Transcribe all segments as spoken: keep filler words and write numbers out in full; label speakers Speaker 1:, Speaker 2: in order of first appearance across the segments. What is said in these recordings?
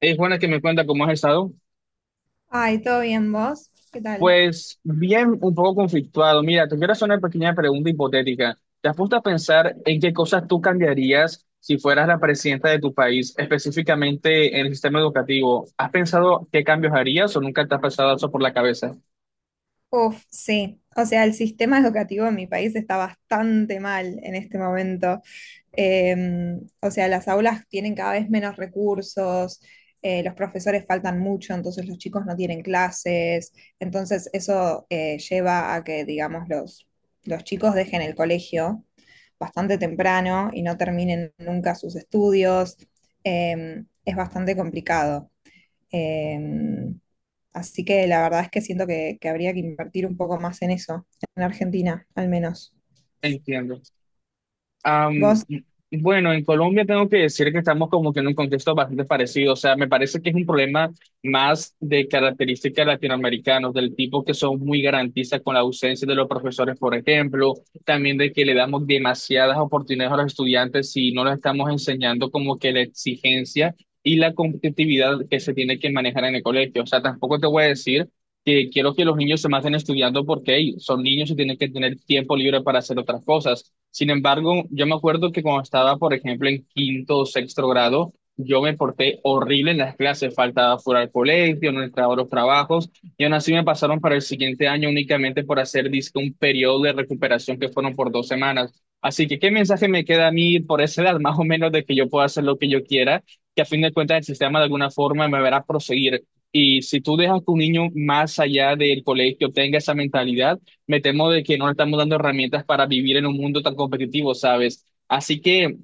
Speaker 1: Es buena que me cuenta cómo has estado.
Speaker 2: Ay, ¿todo bien vos? ¿Qué tal?
Speaker 1: Pues bien, un poco conflictuado. Mira, te quiero hacer una pequeña pregunta hipotética. ¿Te has puesto a pensar en qué cosas tú cambiarías si fueras la presidenta de tu país, específicamente en el sistema educativo? ¿Has pensado qué cambios harías o nunca te has pasado eso por la cabeza?
Speaker 2: Uf, sí. O sea, el sistema educativo en mi país está bastante mal en este momento. Eh, o sea, las aulas tienen cada vez menos recursos, eh, los profesores faltan mucho, entonces los chicos no tienen clases. Entonces eso eh, lleva a que, digamos, los, los chicos dejen el colegio bastante temprano y no terminen nunca sus estudios. Eh, es bastante complicado. Em, Así que la verdad es que siento que, que habría que invertir un poco más en eso, en Argentina, al menos.
Speaker 1: Entiendo. Am,
Speaker 2: Vos,
Speaker 1: bueno, en Colombia tengo que decir que estamos como que en un contexto bastante parecido. O sea, me parece que es un problema más de características latinoamericanos, del tipo que son muy garantistas con la ausencia de los profesores, por ejemplo. También de que le damos demasiadas oportunidades a los estudiantes si no les estamos enseñando como que la exigencia y la competitividad que se tiene que manejar en el colegio. O sea, tampoco te voy a decir que quiero que los niños se maten estudiando porque hey, son niños y tienen que tener tiempo libre para hacer otras cosas. Sin embargo, yo me acuerdo que cuando estaba, por ejemplo, en quinto o sexto grado, yo me porté horrible en las clases, faltaba fuera al colegio, no entraba a los trabajos, y aún así me pasaron para el siguiente año únicamente por hacer, dizque, un periodo de recuperación que fueron por dos semanas. Así que, ¿qué mensaje me queda a mí por esa edad, más o menos, de que yo pueda hacer lo que yo quiera, que a fin de cuentas el sistema de alguna forma me verá proseguir? Y si tú dejas que un niño más allá del colegio tenga esa mentalidad, me temo de que no le estamos dando herramientas para vivir en un mundo tan competitivo, ¿sabes? Así que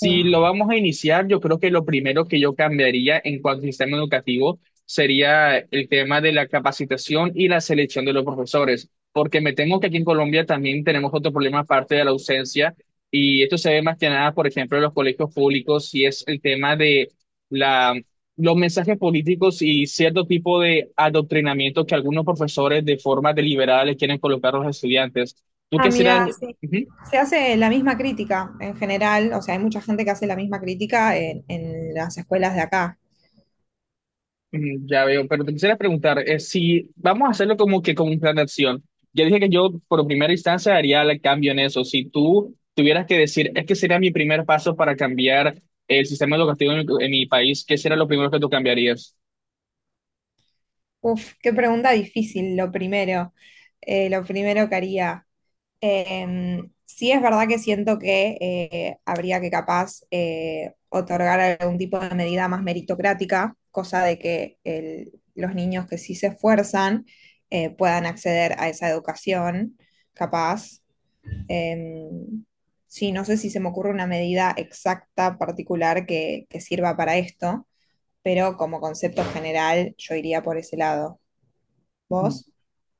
Speaker 2: sí.
Speaker 1: lo vamos a iniciar, yo creo que lo primero que yo cambiaría en cuanto al sistema educativo sería el tema de la capacitación y la selección de los profesores, porque me temo que aquí en Colombia también tenemos otro problema aparte de la ausencia, y esto se ve más que nada, por ejemplo, en los colegios públicos, y es el tema de la los mensajes políticos y cierto tipo de adoctrinamiento que algunos profesores de forma deliberada les quieren colocar a los estudiantes. Tú
Speaker 2: Ah,
Speaker 1: quisieras,
Speaker 2: mira, sí.
Speaker 1: ujú.
Speaker 2: Se hace la misma crítica en general, o sea, hay mucha gente que hace la misma crítica en, en las escuelas de acá.
Speaker 1: Ujú, ya veo, pero te quisiera preguntar, eh, si vamos a hacerlo como que como un plan de acción. Ya dije que yo por primera instancia haría el cambio en eso. Si tú tuvieras que decir, es que sería mi primer paso para cambiar el sistema educativo en mi, en mi país, ¿qué sería lo primero que tú cambiarías?
Speaker 2: Uf, qué pregunta difícil, lo primero. Eh, lo primero que haría. Em, sí es verdad que siento que eh, habría que capaz eh, otorgar algún tipo de medida más meritocrática, cosa de que el- los niños que sí se esfuerzan eh, puedan acceder a esa educación, capaz. Em, sí, no sé si se me ocurre una medida exacta, particular, que, que sirva para esto, pero como concepto general yo iría por ese lado. ¿Vos?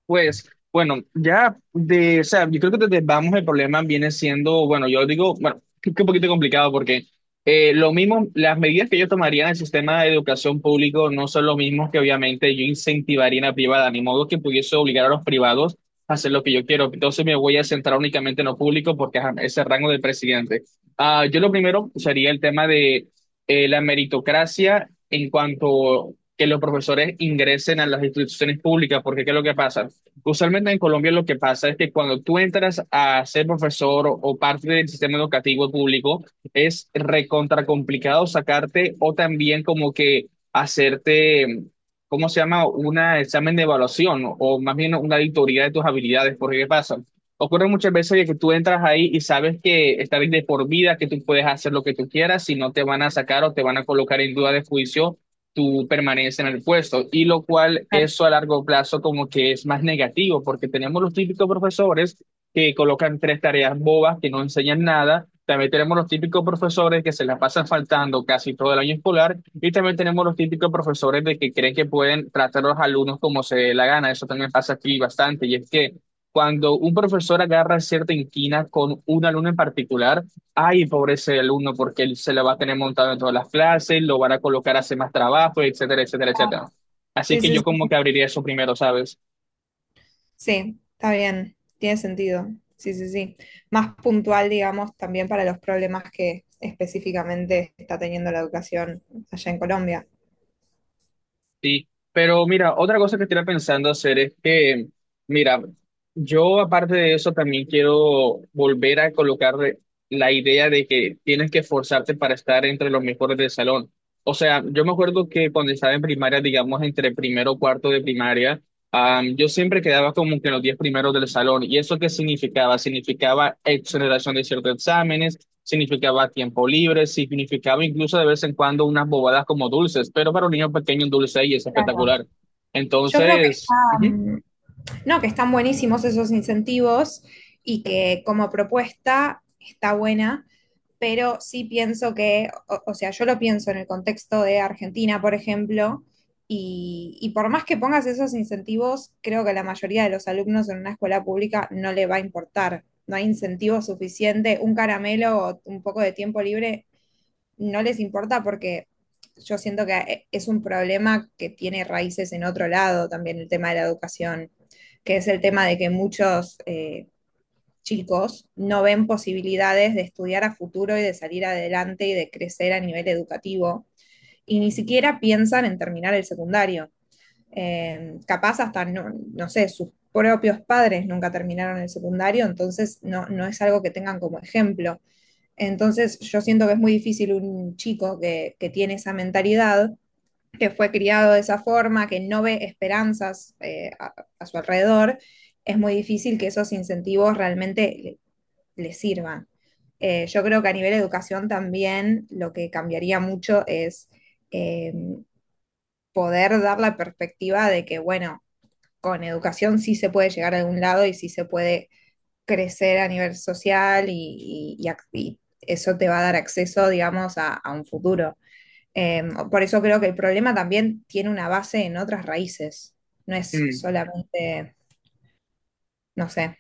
Speaker 1: Pues bueno, ya de, o sea, yo creo que desde vamos el problema viene siendo, bueno, yo digo, bueno, que que un poquito complicado porque eh, lo mismo, las medidas que yo tomaría en el sistema de educación público no son lo mismo que obviamente yo incentivaría en la privada, ni modo que pudiese obligar a los privados a hacer lo que yo quiero. Entonces me voy a centrar únicamente en lo público porque ajá, es el rango del presidente. Ah, yo lo primero sería el tema de eh, la meritocracia en cuanto que los profesores ingresen a las instituciones públicas, porque ¿qué es lo que pasa? Usualmente en Colombia lo que pasa es que cuando tú entras a ser profesor o, o parte del sistema educativo público, es recontra complicado sacarte o también como que hacerte, ¿cómo se llama? Un examen de evaluación o más bien una auditoría de tus habilidades. Porque ¿qué pasa? Ocurre muchas veces de que tú entras ahí y sabes que estás de por vida, que tú puedes hacer lo que tú quieras, si no te van a sacar o te van a colocar en duda de juicio tú permaneces en el puesto, y lo cual
Speaker 2: Ah,
Speaker 1: eso a largo plazo como que es más negativo, porque tenemos los típicos profesores que colocan tres tareas bobas que no enseñan nada, también tenemos los típicos profesores que se la pasan faltando casi todo el año escolar, y también tenemos los típicos profesores de que creen que pueden tratar a los alumnos como se dé la gana, eso también pasa aquí bastante, y es que cuando un profesor agarra cierta inquina con un alumno en particular, ay, pobre ese alumno, porque él se la va a tener montado en todas las clases, lo van a colocar a hacer más trabajo, etcétera, etcétera, etcétera. Así
Speaker 2: sí,
Speaker 1: que
Speaker 2: sí,
Speaker 1: yo
Speaker 2: sí.
Speaker 1: como que abriría eso primero, ¿sabes?
Speaker 2: Sí, está bien, tiene sentido. Sí, sí, sí. Más puntual, digamos, también para los problemas que específicamente está teniendo la educación allá en Colombia.
Speaker 1: Sí. Pero mira, otra cosa que estoy pensando hacer es que, mira, yo aparte de eso también quiero volver a colocar la idea de que tienes que esforzarte para estar entre los mejores del salón. O sea, yo me acuerdo que cuando estaba en primaria, digamos entre primero o cuarto de primaria, Am, yo siempre quedaba como que en los diez primeros del salón. ¿Y eso qué significaba? Significaba exoneración de ciertos exámenes, significaba tiempo libre, significaba incluso de vez en cuando unas bobadas como dulces, pero para un niño pequeño un dulce ahí es
Speaker 2: Claro.
Speaker 1: espectacular.
Speaker 2: Yo creo que
Speaker 1: Entonces, ujú.
Speaker 2: están, no, que están buenísimos esos incentivos y que como propuesta está buena, pero sí pienso que, o, o sea, yo lo pienso en el contexto de Argentina, por ejemplo, y, y por más que pongas esos incentivos, creo que a la mayoría de los alumnos en una escuela pública no le va a importar. No hay incentivo suficiente, un caramelo o un poco de tiempo libre no les importa porque yo siento que eh, es un problema que tiene raíces en otro lado también el tema de la educación, que es el tema de que muchos eh, chicos no ven posibilidades de estudiar a futuro y de salir adelante y de crecer a nivel educativo, y ni siquiera piensan en terminar el secundario. Eh, capaz hasta, no, no, sé, sus propios padres nunca terminaron el secundario, entonces no, no, es algo que tengan como ejemplo. Entonces yo siento que es muy difícil un chico que, que tiene esa mentalidad, que fue criado de esa forma, que no ve esperanzas eh, a, a su alrededor, es muy difícil que esos incentivos realmente les sirvan. Eh, yo creo que a nivel de educación también lo que cambiaría mucho es eh, poder dar la perspectiva de que, bueno, con educación sí se puede llegar a algún lado y sí se puede crecer a nivel social y, y, y eso te va a dar acceso, digamos, a, a un futuro. Eh, por eso creo que el problema también tiene una base en otras raíces, no es
Speaker 1: Mm.
Speaker 2: solamente, no sé.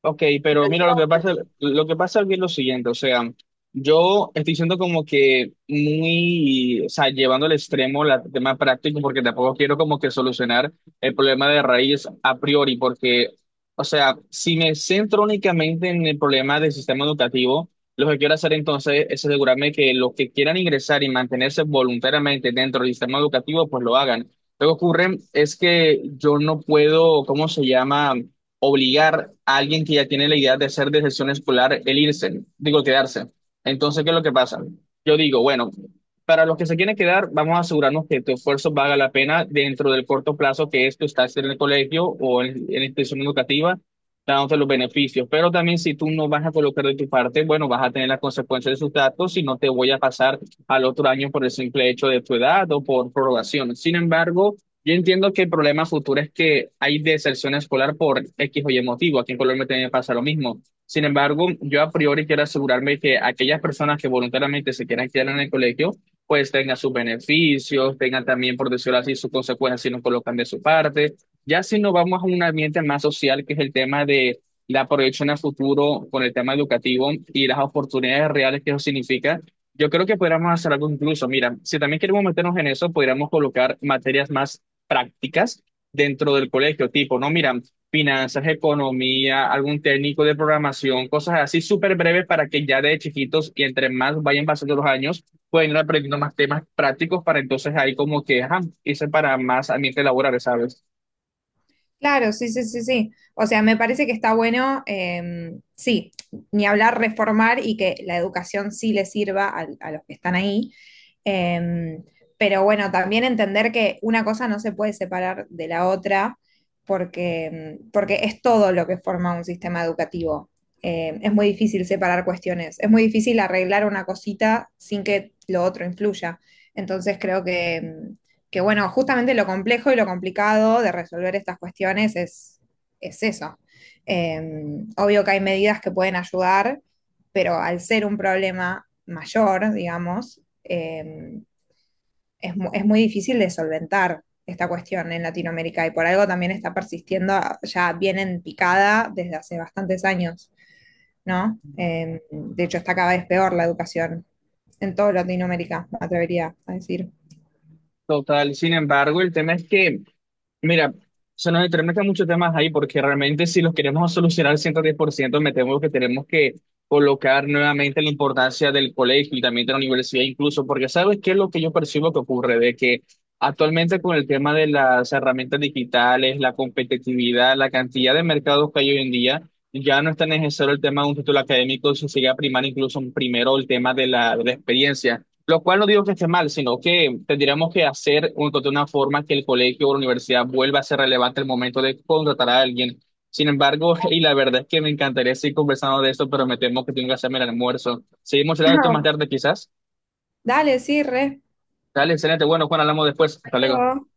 Speaker 1: Ok,
Speaker 2: Lo
Speaker 1: pero mira, lo
Speaker 2: digo.
Speaker 1: que pasa, lo que pasa aquí es lo siguiente, o sea, yo estoy siendo como que muy, o sea, llevando al extremo la- el tema práctico, porque tampoco quiero como que solucionar el problema de raíz a priori, porque, o sea, si me centro únicamente en el problema del sistema educativo, lo que quiero hacer entonces es asegurarme que los que quieran ingresar y mantenerse voluntariamente dentro del sistema educativo, pues lo hagan. Lo que ocurre es que yo no puedo, ¿cómo se llama? Obligar a alguien que ya tiene la idea de hacer deserción escolar el irse, digo, quedarse. Entonces, ¿qué es lo que pasa? Yo digo, bueno, para los que se quieren quedar, vamos a asegurarnos que tu esfuerzo valga la pena dentro del corto plazo que es tu estancia en el colegio o en, en la institución educativa, dándote los beneficios. Pero también si tú no vas a colocar de tu parte, bueno, vas a tener las consecuencias de sus datos y no te voy a pasar al otro año por el simple hecho de tu edad o por prorrogación. Sin embargo, yo entiendo que el problema futuro es que hay deserción escolar por X o Y motivo. Aquí en Colombia también pasa lo mismo. Sin embargo, yo a priori quiero asegurarme que aquellas personas que voluntariamente se quieran quedar en el colegio, pues tengan sus beneficios, tengan también, por decirlo así, sus consecuencias si no colocan de su parte. Ya si nos vamos a un ambiente más social, que es el tema de la proyección a futuro con el tema educativo y las oportunidades reales que eso significa. Yo creo que podríamos hacer algo incluso. Mira, si también queremos meternos en eso, podríamos colocar materias más prácticas dentro del colegio, tipo, no, mira, finanzas, economía, algún técnico de programación, cosas así súper breves para que ya de chiquitos y entre más vayan pasando los años, pueden ir aprendiendo más temas prácticos para entonces ahí como que, ajá, irse para más ambientes laborales, ¿sabes?
Speaker 2: Claro, sí, sí, sí, sí. O sea, me parece que está bueno, em, sí, ni hablar reformar y que la educación sí le sirva al- a los que están ahí. Em, pero bueno, también entender que una cosa no se puede separar de la otra porque, em, porque es todo lo que forma un sistema educativo. Em, es muy difícil separar cuestiones, es muy difícil arreglar una cosita sin que lo otro influya. Entonces creo que, em, que bueno, justamente lo complejo y lo complicado de resolver estas cuestiones es, es eso. Eh, Obvio que hay medidas que pueden ayudar, pero al ser un problema mayor, digamos, eh, es, mu- es, muy difícil de solventar esta cuestión en Latinoamérica y por algo también está persistiendo, ya bien en picada desde hace bastantes años, ¿no? Eh, de hecho, está cada vez peor la educación en toda Latinoamérica, me atrevería a decir.
Speaker 1: Total, sin embargo, el tema es que, mira, se nos entremezclan muchos temas ahí porque realmente si los queremos solucionar al ciento diez por ciento, me temo que tenemos que colocar nuevamente la importancia del colegio y también de la universidad incluso, porque ¿sabes qué es lo que yo percibo que ocurre? De que actualmente con el tema de las herramientas digitales, la competitividad, la cantidad de mercados que hay hoy en día, ya no es tan necesario el tema de un título académico, si se sigue a primar incluso primero el tema de la, de la experiencia. Lo cual no digo que esté mal, sino que tendríamos que hacer un- de una forma que el colegio o la universidad vuelva a ser relevante el momento de contratar a alguien. Sin embargo, y la verdad es que me encantaría seguir conversando de esto, pero me temo que tengo que hacerme el almuerzo. Seguimos hablando de esto más tarde, quizás.
Speaker 2: Dale, sí, re.
Speaker 1: Dale, excelente. Bueno, Juan, hablamos después. Hasta luego.
Speaker 2: Luego.